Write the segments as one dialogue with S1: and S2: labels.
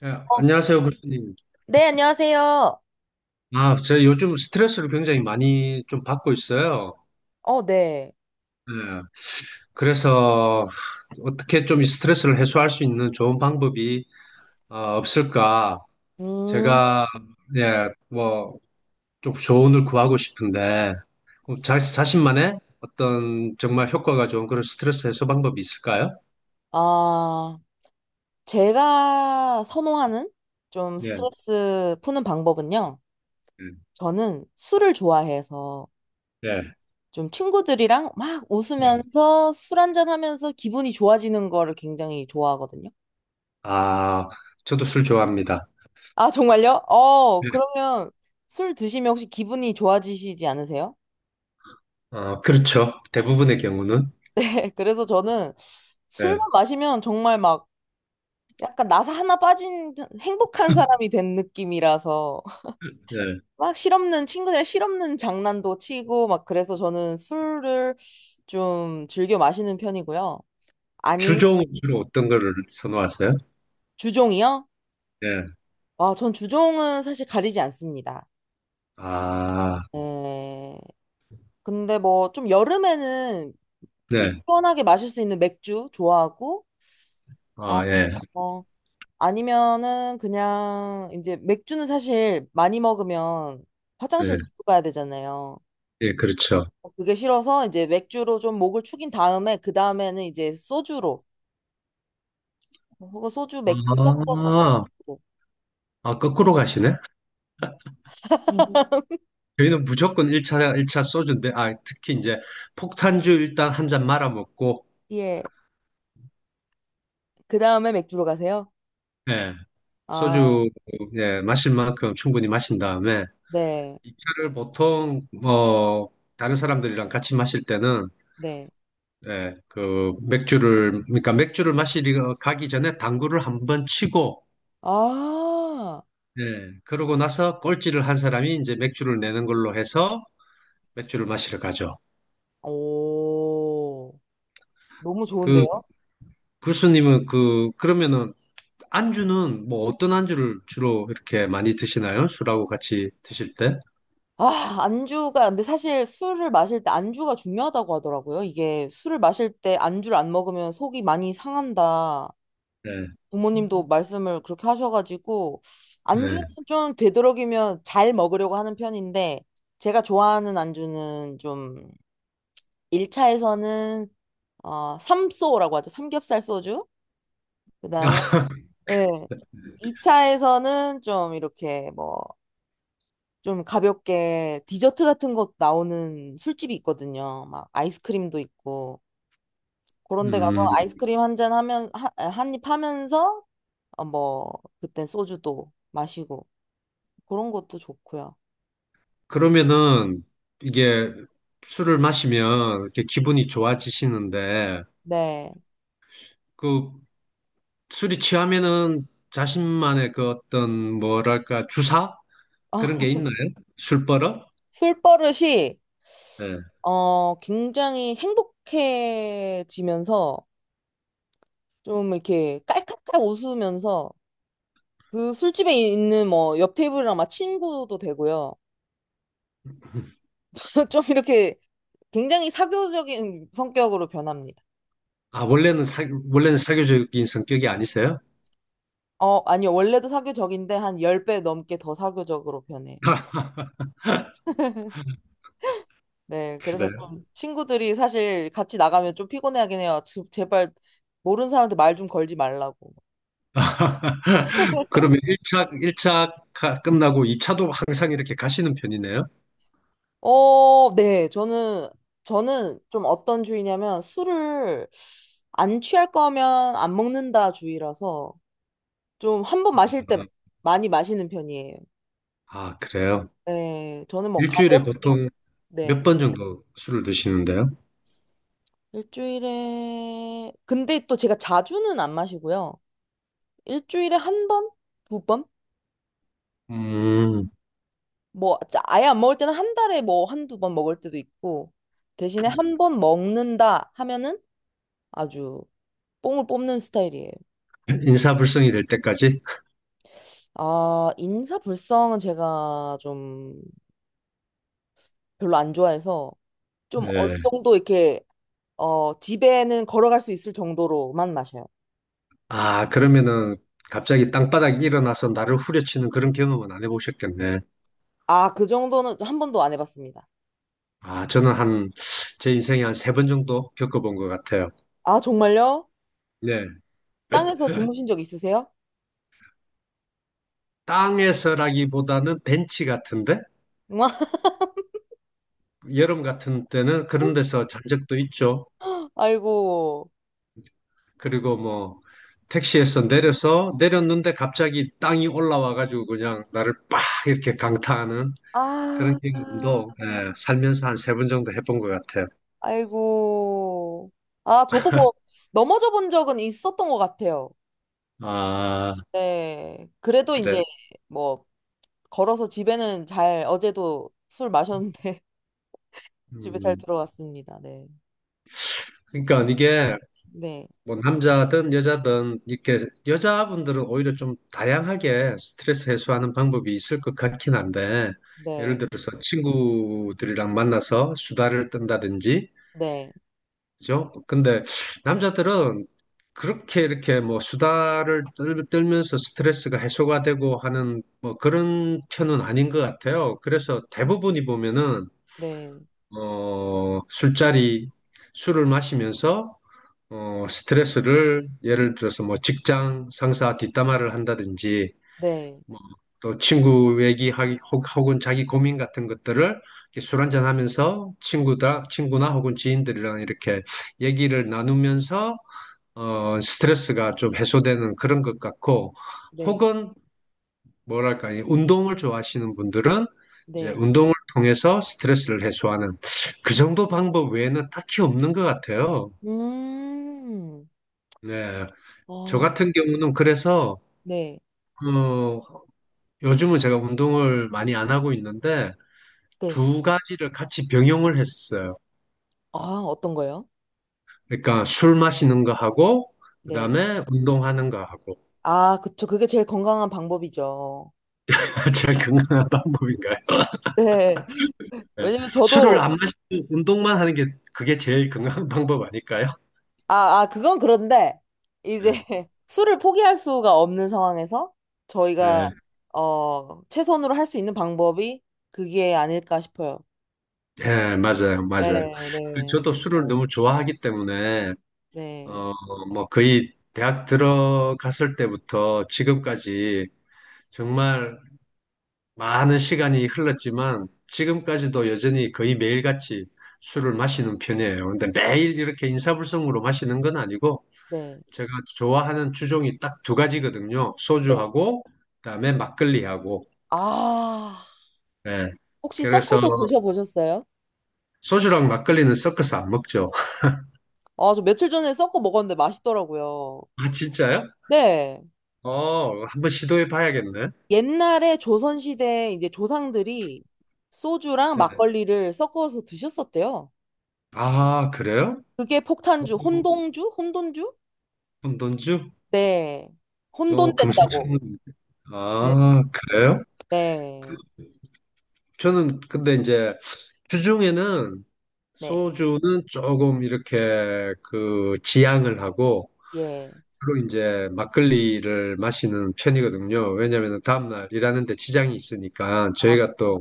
S1: 네,
S2: 어,
S1: 안녕하세요, 교수님.
S2: 네, 안녕하세요.
S1: 아, 제가 요즘 스트레스를 굉장히 많이 좀 받고 있어요.
S2: 어, 네.
S1: 네, 그래서 어떻게 좀 이 스트레스를 해소할 수 있는 좋은 방법이 없을까?
S2: 음,
S1: 제가 예, 뭐 좀 조언을 구하고 싶은데 뭐 자신만의 어떤 정말 효과가 좋은 그런 스트레스 해소 방법이 있을까요?
S2: 아, 제가 선호하는 좀
S1: 예,
S2: 스트레스 푸는 방법은요.
S1: 예,
S2: 저는 술을 좋아해서
S1: 예.
S2: 좀 친구들이랑 막
S1: 예.
S2: 웃으면서 술 한잔 하면서 기분이 좋아지는 거를 굉장히 좋아하거든요.
S1: 아, 저도 술 좋아합니다.
S2: 아, 정말요? 어,
S1: 예.
S2: 그러면 술 드시면 혹시 기분이 좋아지시지 않으세요?
S1: 어, 그렇죠. 대부분의 경우는.
S2: 그래서 저는
S1: 예.
S2: 술만 마시면 정말 막 약간 나사 하나 빠진 듯 행복한 사람이 된 느낌이라서
S1: 네.
S2: 막 실없는 친구들 실없는 장난도 치고 막 그래서 저는 술을 좀 즐겨 마시는 편이고요. 아니면
S1: 주종 주로 어떤 거를 선호하세요?
S2: 주종이요?
S1: 네.
S2: 아, 전 주종은 사실 가리지 않습니다.
S1: 아,
S2: 네. 근데 뭐 좀 여름에는 이렇게
S1: 네.
S2: 시원하게 마실 수 있는 맥주 좋아하고 어,
S1: 아, 예.
S2: 어 아니면은 그냥 이제 맥주는 사실 많이 먹으면 화장실
S1: 네.
S2: 자주 가야 되잖아요.
S1: 예, 그렇죠.
S2: 그게 싫어서 이제 맥주로 좀 목을 축인 다음에 그 다음에는 이제 소주로 뭐 그거 소주 맥주
S1: 아,
S2: 섞어서 소주.
S1: 아, 거꾸로 가시네? 음. 저희는 무조건 1차, 일차 소주인데, 아, 특히 이제 폭탄주 일단 한 잔 말아 먹고,
S2: 예. 그 다음에 맥주로 가세요?
S1: 예,
S2: 아,
S1: 소주, 예, 마실 만큼 충분히 마신 다음에,
S2: 네.
S1: 2차를 보통, 뭐, 다른 사람들이랑 같이 마실 때는,
S2: 네.
S1: 예, 그, 맥주를, 그러니까 맥주를 마시러 가기 전에 당구를 한번 치고,
S2: 아,
S1: 네. 그러고 나서 꼴찌를 한 사람이 이제 맥주를 내는 걸로 해서 맥주를 마시러 가죠.
S2: 오. 너무
S1: 그
S2: 좋은데요?
S1: 교수님은 그러면은 안주는 뭐 어떤 안주를 주로 이렇게 많이 드시나요? 술하고 같이 드실 때?
S2: 아, 안주가, 근데 사실 술을 마실 때 안주가 중요하다고 하더라고요. 이게 술을 마실 때 안주를 안 먹으면 속이 많이 상한다.
S1: 네.
S2: 부모님도 말씀을 그렇게 하셔가지고, 안주는
S1: 네.
S2: 좀 되도록이면 잘 먹으려고 하는 편인데, 제가 좋아하는 안주는 좀, 1차에서는 어, 삼소라고 하죠. 삼겹살 소주. 그다음에 예. 2차에서는 좀 이렇게 뭐 좀 가볍게 디저트 같은 것 나오는 술집이 있거든요. 막 아이스크림도 있고 그런 데 가서
S1: 음,
S2: 아이스크림 한 잔 하면 한 입 하면서 어, 뭐 그땐 소주도 마시고 그런 것도 좋고요.
S1: 그러면은 이게 술을 마시면 이렇게 기분이 좋아지시는데
S2: 네.
S1: 그 술이 취하면은 자신만의 그 어떤 뭐랄까 주사
S2: 아,
S1: 그런 게 있나요? 술버릇?
S2: 술버릇이 굉장히 행복해지면서 좀 이렇게 깔깔깔 웃으면서 그 술집에 있는 뭐 옆 테이블이랑 막 친구도 되고요. 좀 이렇게 굉장히 사교적인 성격으로 변합니다.
S1: 아, 원래는 사교적인 성격이 아니세요?
S2: 어, 아니요. 원래도 사교적인데 한 10배 넘게 더 사교적으로 변해요. 네. 그래서
S1: 그래요.
S2: 좀 친구들이 사실 같이 나가면 좀 피곤해하긴 해요. 제발 모르는 사람한테 말 좀 걸지 말라고.
S1: 그러면 1차, 일 차 끝나고 2차도 항상 이렇게 가시는 편이네요?
S2: 어, 네. 저는 좀 어떤 주의냐면 술을 안 취할 거면 안 먹는다 주의라서 좀 한 번 마실 때 많이 마시는 편이에요.
S1: 아, 그래요.
S2: 네, 저는 뭐
S1: 일주일에
S2: 가볍게,
S1: 보통 몇
S2: 네,
S1: 번 정도 술을 드시는데요?
S2: 일주일에, 근데 또 제가 자주는 안 마시고요. 일주일에 한 번? 두 번?
S1: 음,
S2: 뭐, 아예 안 먹을 때는 한 달에 뭐 한두 번 먹을 때도 있고, 대신에 한 번 먹는다 하면은 아주 뽕을 뽑는 스타일이에요.
S1: 인사불성이 될 때까지?
S2: 아, 인사불성은 제가 좀 별로 안 좋아해서 좀 어느
S1: 예.
S2: 정도 이렇게, 어, 집에는 걸어갈 수 있을 정도로만 마셔요.
S1: 아, 그러면은 갑자기 땅바닥에 일어나서 나를 후려치는 그런 경험은 안 해보셨겠네.
S2: 아, 그 정도는 한 번도 안 해봤습니다.
S1: 아, 저는 제 인생에 한 세 번 정도 겪어본 것 같아요.
S2: 아, 정말요?
S1: 네.
S2: 땅에서 주무신 적 있으세요?
S1: 땅에서라기보다는 벤치 같은데 여름 같은 때는 그런 데서 잔 적도 있죠.
S2: 아이고.
S1: 그리고 뭐 택시에서 내려서 내렸는데 갑자기 땅이 올라와가지고 그냥 나를 빡 이렇게 강타하는 그런
S2: 아,
S1: 경험도 예, 살면서 한 세 번 정도 해본 것 같아요.
S2: 아이고. 아, 저도 뭐, 넘어져 본 적은 있었던 것 같아요.
S1: 아,
S2: 네. 그래도
S1: 그래.
S2: 이제, 뭐, 걸어서 집에는 잘, 어제도 술 마셨는데, 집에 잘
S1: 음.
S2: 들어왔습니다. 네.
S1: 그러니까 이게
S2: 네.
S1: 뭐 남자든 여자든 이렇게 여자분들은 오히려 좀 다양하게 스트레스 해소하는 방법이 있을 것 같긴 한데 예를
S2: 네.
S1: 들어서 친구들이랑 만나서 수다를 떤다든지
S2: 네.
S1: 그죠? 근데 남자들은 그렇게 이렇게 뭐 수다를 떨면서 스트레스가 해소가 되고 하는 뭐 그런 편은 아닌 것 같아요. 그래서 대부분이 보면은
S2: 네.
S1: 술자리 술을 마시면서 스트레스를 예를 들어서 뭐 직장 상사 뒷담화를 한다든지
S2: 네.
S1: 뭐 또 친구 얘기 하 혹은 자기 고민 같은 것들을 이렇게 술 한잔 하면서 친구다 친구나 혹은 지인들이랑 이렇게 얘기를 나누면서 스트레스가 좀 해소되는 그런 것 같고
S2: 네.
S1: 혹은 뭐랄까 이 운동을 좋아하시는 분들은 이제
S2: 네.
S1: 운동을 통해서 스트레스를 해소하는 그 정도 방법 외에는 딱히 없는 것 같아요.
S2: 음.
S1: 네. 저
S2: 어,
S1: 같은 경우는 그래서
S2: 네.
S1: 어, 요즘은 제가 운동을 많이 안 하고 있는데
S2: 네.
S1: 두 가지를 같이 병용을 했었어요.
S2: 아, 어떤 거요?
S1: 그러니까 술 마시는 거 하고
S2: 네.
S1: 그다음에 운동하는 거 하고
S2: 아, 그쵸. 그게 제일 건강한 방법이죠.
S1: 제일 건강한 방법인가요?
S2: 네.
S1: 예.
S2: 왜냐면
S1: 술을
S2: 저도,
S1: 안 마시고 운동만 하는 게 그게 제일 건강한 방법 아닐까요?
S2: 아, 아, 그건 그런데,
S1: 예,
S2: 이제 술을 포기할 수가 없는 상황에서 저희가,
S1: 예,
S2: 어, 최선으로 할 수 있는 방법이 그게 아닐까 싶어요.
S1: 예, 맞아요, 맞아요.
S2: 네, 네,
S1: 저도 술을 너무 좋아하기 때문에
S2: 네,
S1: 어, 뭐 거의 대학 들어갔을 때부터 지금까지 정말 많은 시간이 흘렀지만 지금까지도 여전히 거의 매일같이 술을 마시는 편이에요. 근데 매일 이렇게 인사불성으로 마시는 건 아니고
S2: 네,
S1: 제가 좋아하는 주종이 딱 두 가지거든요.
S2: 네.
S1: 소주하고 그다음에 막걸리하고.
S2: 아,
S1: 예.
S2: 혹시 섞어
S1: 그래서
S2: 도 드셔보셨어요?
S1: 소주랑 막걸리는 섞어서 안 먹죠.
S2: 아, 저 며칠 전에 섞어 먹었는데 맛있더라고요.
S1: 아, 진짜요?
S2: 네.
S1: 어, 한번 시도해 봐야겠네.
S2: 옛날에 조선시대 이제 조상들이 소주랑
S1: 네.
S2: 막걸리를 섞어서 드셨었대요.
S1: 아, 그래요?
S2: 그게
S1: 어,
S2: 폭탄주, 혼동주? 혼돈주?
S1: 금돈주?
S2: 네.
S1: 어,
S2: 혼돈된다고.
S1: 금시초문.
S2: 네.
S1: 아, 그래요?
S2: 네.
S1: 저는 근데 이제 주중에는
S2: 네.
S1: 소주는 조금 이렇게 그 지양을 하고
S2: 예.
S1: 주로 이제 막걸리를 마시는 편이거든요. 왜냐하면 다음날 일하는데 지장이 있으니까
S2: 아,
S1: 저희가 또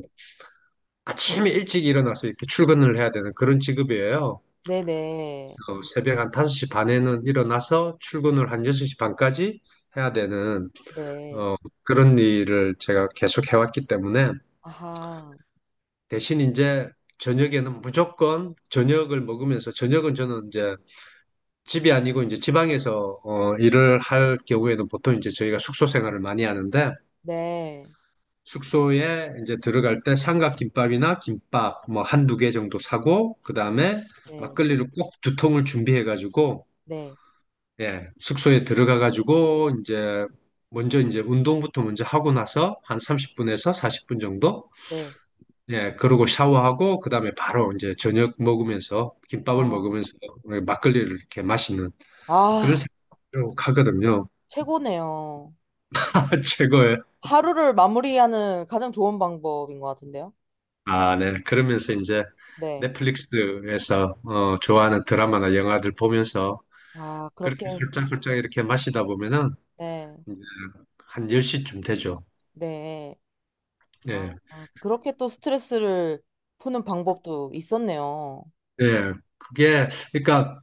S1: 아침에 일찍 일어나서 이렇게 출근을 해야 되는 그런 직업이에요.
S2: 네네. 네.
S1: 새벽 한 5시 반에는 일어나서 출근을 한 6시 반까지 해야 되는
S2: 네. 네.
S1: 어, 그런 일을 제가 계속 해왔기 때문에
S2: 아하.
S1: 대신 이제 저녁에는 무조건 저녁을 먹으면서 저녁은 저는 이제 집이 아니고 이제 지방에서 일을 할 경우에는 보통 이제 저희가 숙소 생활을 많이 하는데
S2: 네.
S1: 숙소에 이제 들어갈 때 삼각김밥이나 김밥 뭐 한두 개 정도 사고 그다음에
S2: 네.
S1: 막걸리를 꼭 두 통을 준비해 가지고
S2: 네.
S1: 예, 숙소에 들어가 가지고 이제 먼저 이제 운동부터 먼저 하고 나서 한 30분에서 40분 정도
S2: 네.
S1: 예, 그러고 샤워하고 그다음에 바로 이제 저녁 먹으면서 김밥을
S2: 아.
S1: 먹으면서 그 막걸리를 이렇게 마시는 그런
S2: 아,
S1: 생각으로 가거든요.
S2: 최고네요.
S1: 최고예요.
S2: 하루를 마무리하는 가장 좋은 방법인 것 같은데요.
S1: 아, 네. 그러면서 이제
S2: 네.
S1: 넷플릭스에서 좋아하는 드라마나 영화들 보면서
S2: 아,
S1: 그렇게
S2: 그렇게.
S1: 훌쩍훌쩍 이렇게 마시다 보면은
S2: 네.
S1: 이제 한 10시쯤 되죠.
S2: 네. 아,
S1: 예.
S2: 아, 그렇게 또 스트레스를 푸는 방법도 있었네요.
S1: 예. 그게 그러니까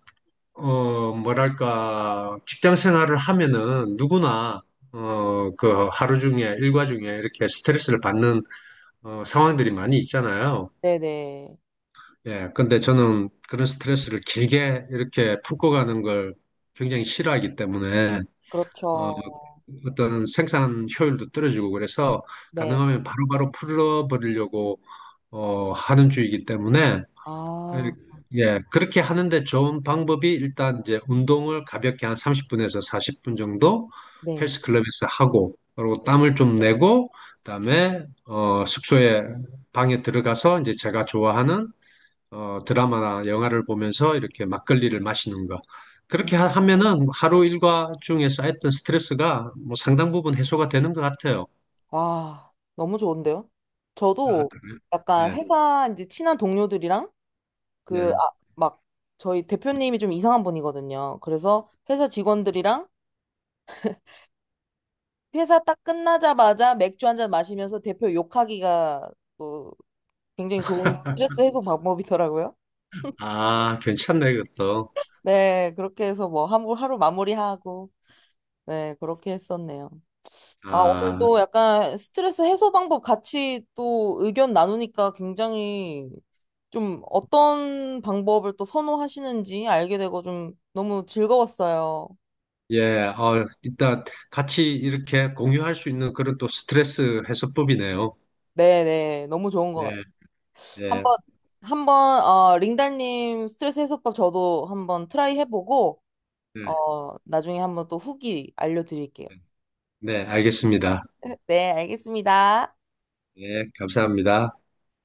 S1: 뭐랄까, 직장 생활을 하면은 누구나, 그 하루 중에, 일과 중에 이렇게 스트레스를 받는, 상황들이 많이 있잖아요.
S2: 네네.
S1: 예, 근데 저는 그런 스트레스를 길게 이렇게 풀고 가는 걸 굉장히 싫어하기 때문에, 어,
S2: 그렇죠.
S1: 어떤 생산 효율도 떨어지고 그래서
S2: 네.
S1: 가능하면 바로바로 풀어버리려고, 하는 주의이기 때문에, 예,
S2: 아,
S1: 예, 그렇게 하는데 좋은 방법이 일단 이제 운동을 가볍게 한 30분에서 40분 정도
S2: 네.
S1: 헬스클럽에서 하고, 그리고
S2: 네.
S1: 땀을 좀 내고, 그다음에 숙소에 방에 들어가서 이제 제가 좋아하는 드라마나 영화를 보면서 이렇게 막걸리를 마시는 거.
S2: 음,
S1: 그렇게 하면은 하루 일과 중에 쌓였던 스트레스가 뭐 상당 부분 해소가 되는 것 같아요.
S2: 와, 너무 좋은데요?
S1: 아,
S2: 저도
S1: 그래요?
S2: 약간
S1: 네,
S2: 회사 이제 친한 동료들이랑 그,
S1: 네.
S2: 아, 막 저희 대표님이 좀 이상한 분이거든요. 그래서 회사 직원들이랑 회사 딱 끝나자마자 맥주 한 잔 마시면서 대표 욕하기가 또 굉장히 좋은 스트레스 해소 방법이더라고요.
S1: 아, 괜찮네, 그것도.
S2: 네, 그렇게 해서 뭐 하루, 하루 마무리하고, 네, 그렇게 했었네요. 아, 오늘
S1: 아.
S2: 또 약간 스트레스 해소 방법 같이 또 의견 나누니까 굉장히 좀 어떤 방법을 또 선호하시는지 알게 되고 좀 너무 즐거웠어요.
S1: 예, 일단 같이 이렇게 공유할 수 있는 그런 또 스트레스 해소법이네요.
S2: 네네, 너무 좋은 것 같아요.
S1: 네, 네,
S2: 한번, 한번, 어, 링달님 스트레스 해소법 저도 한번 트라이 해보고,
S1: 네,
S2: 어, 나중에 한번 또 후기 알려드릴게요.
S1: 네, 알겠습니다.
S2: 네, 알겠습니다.
S1: 네, 감사합니다.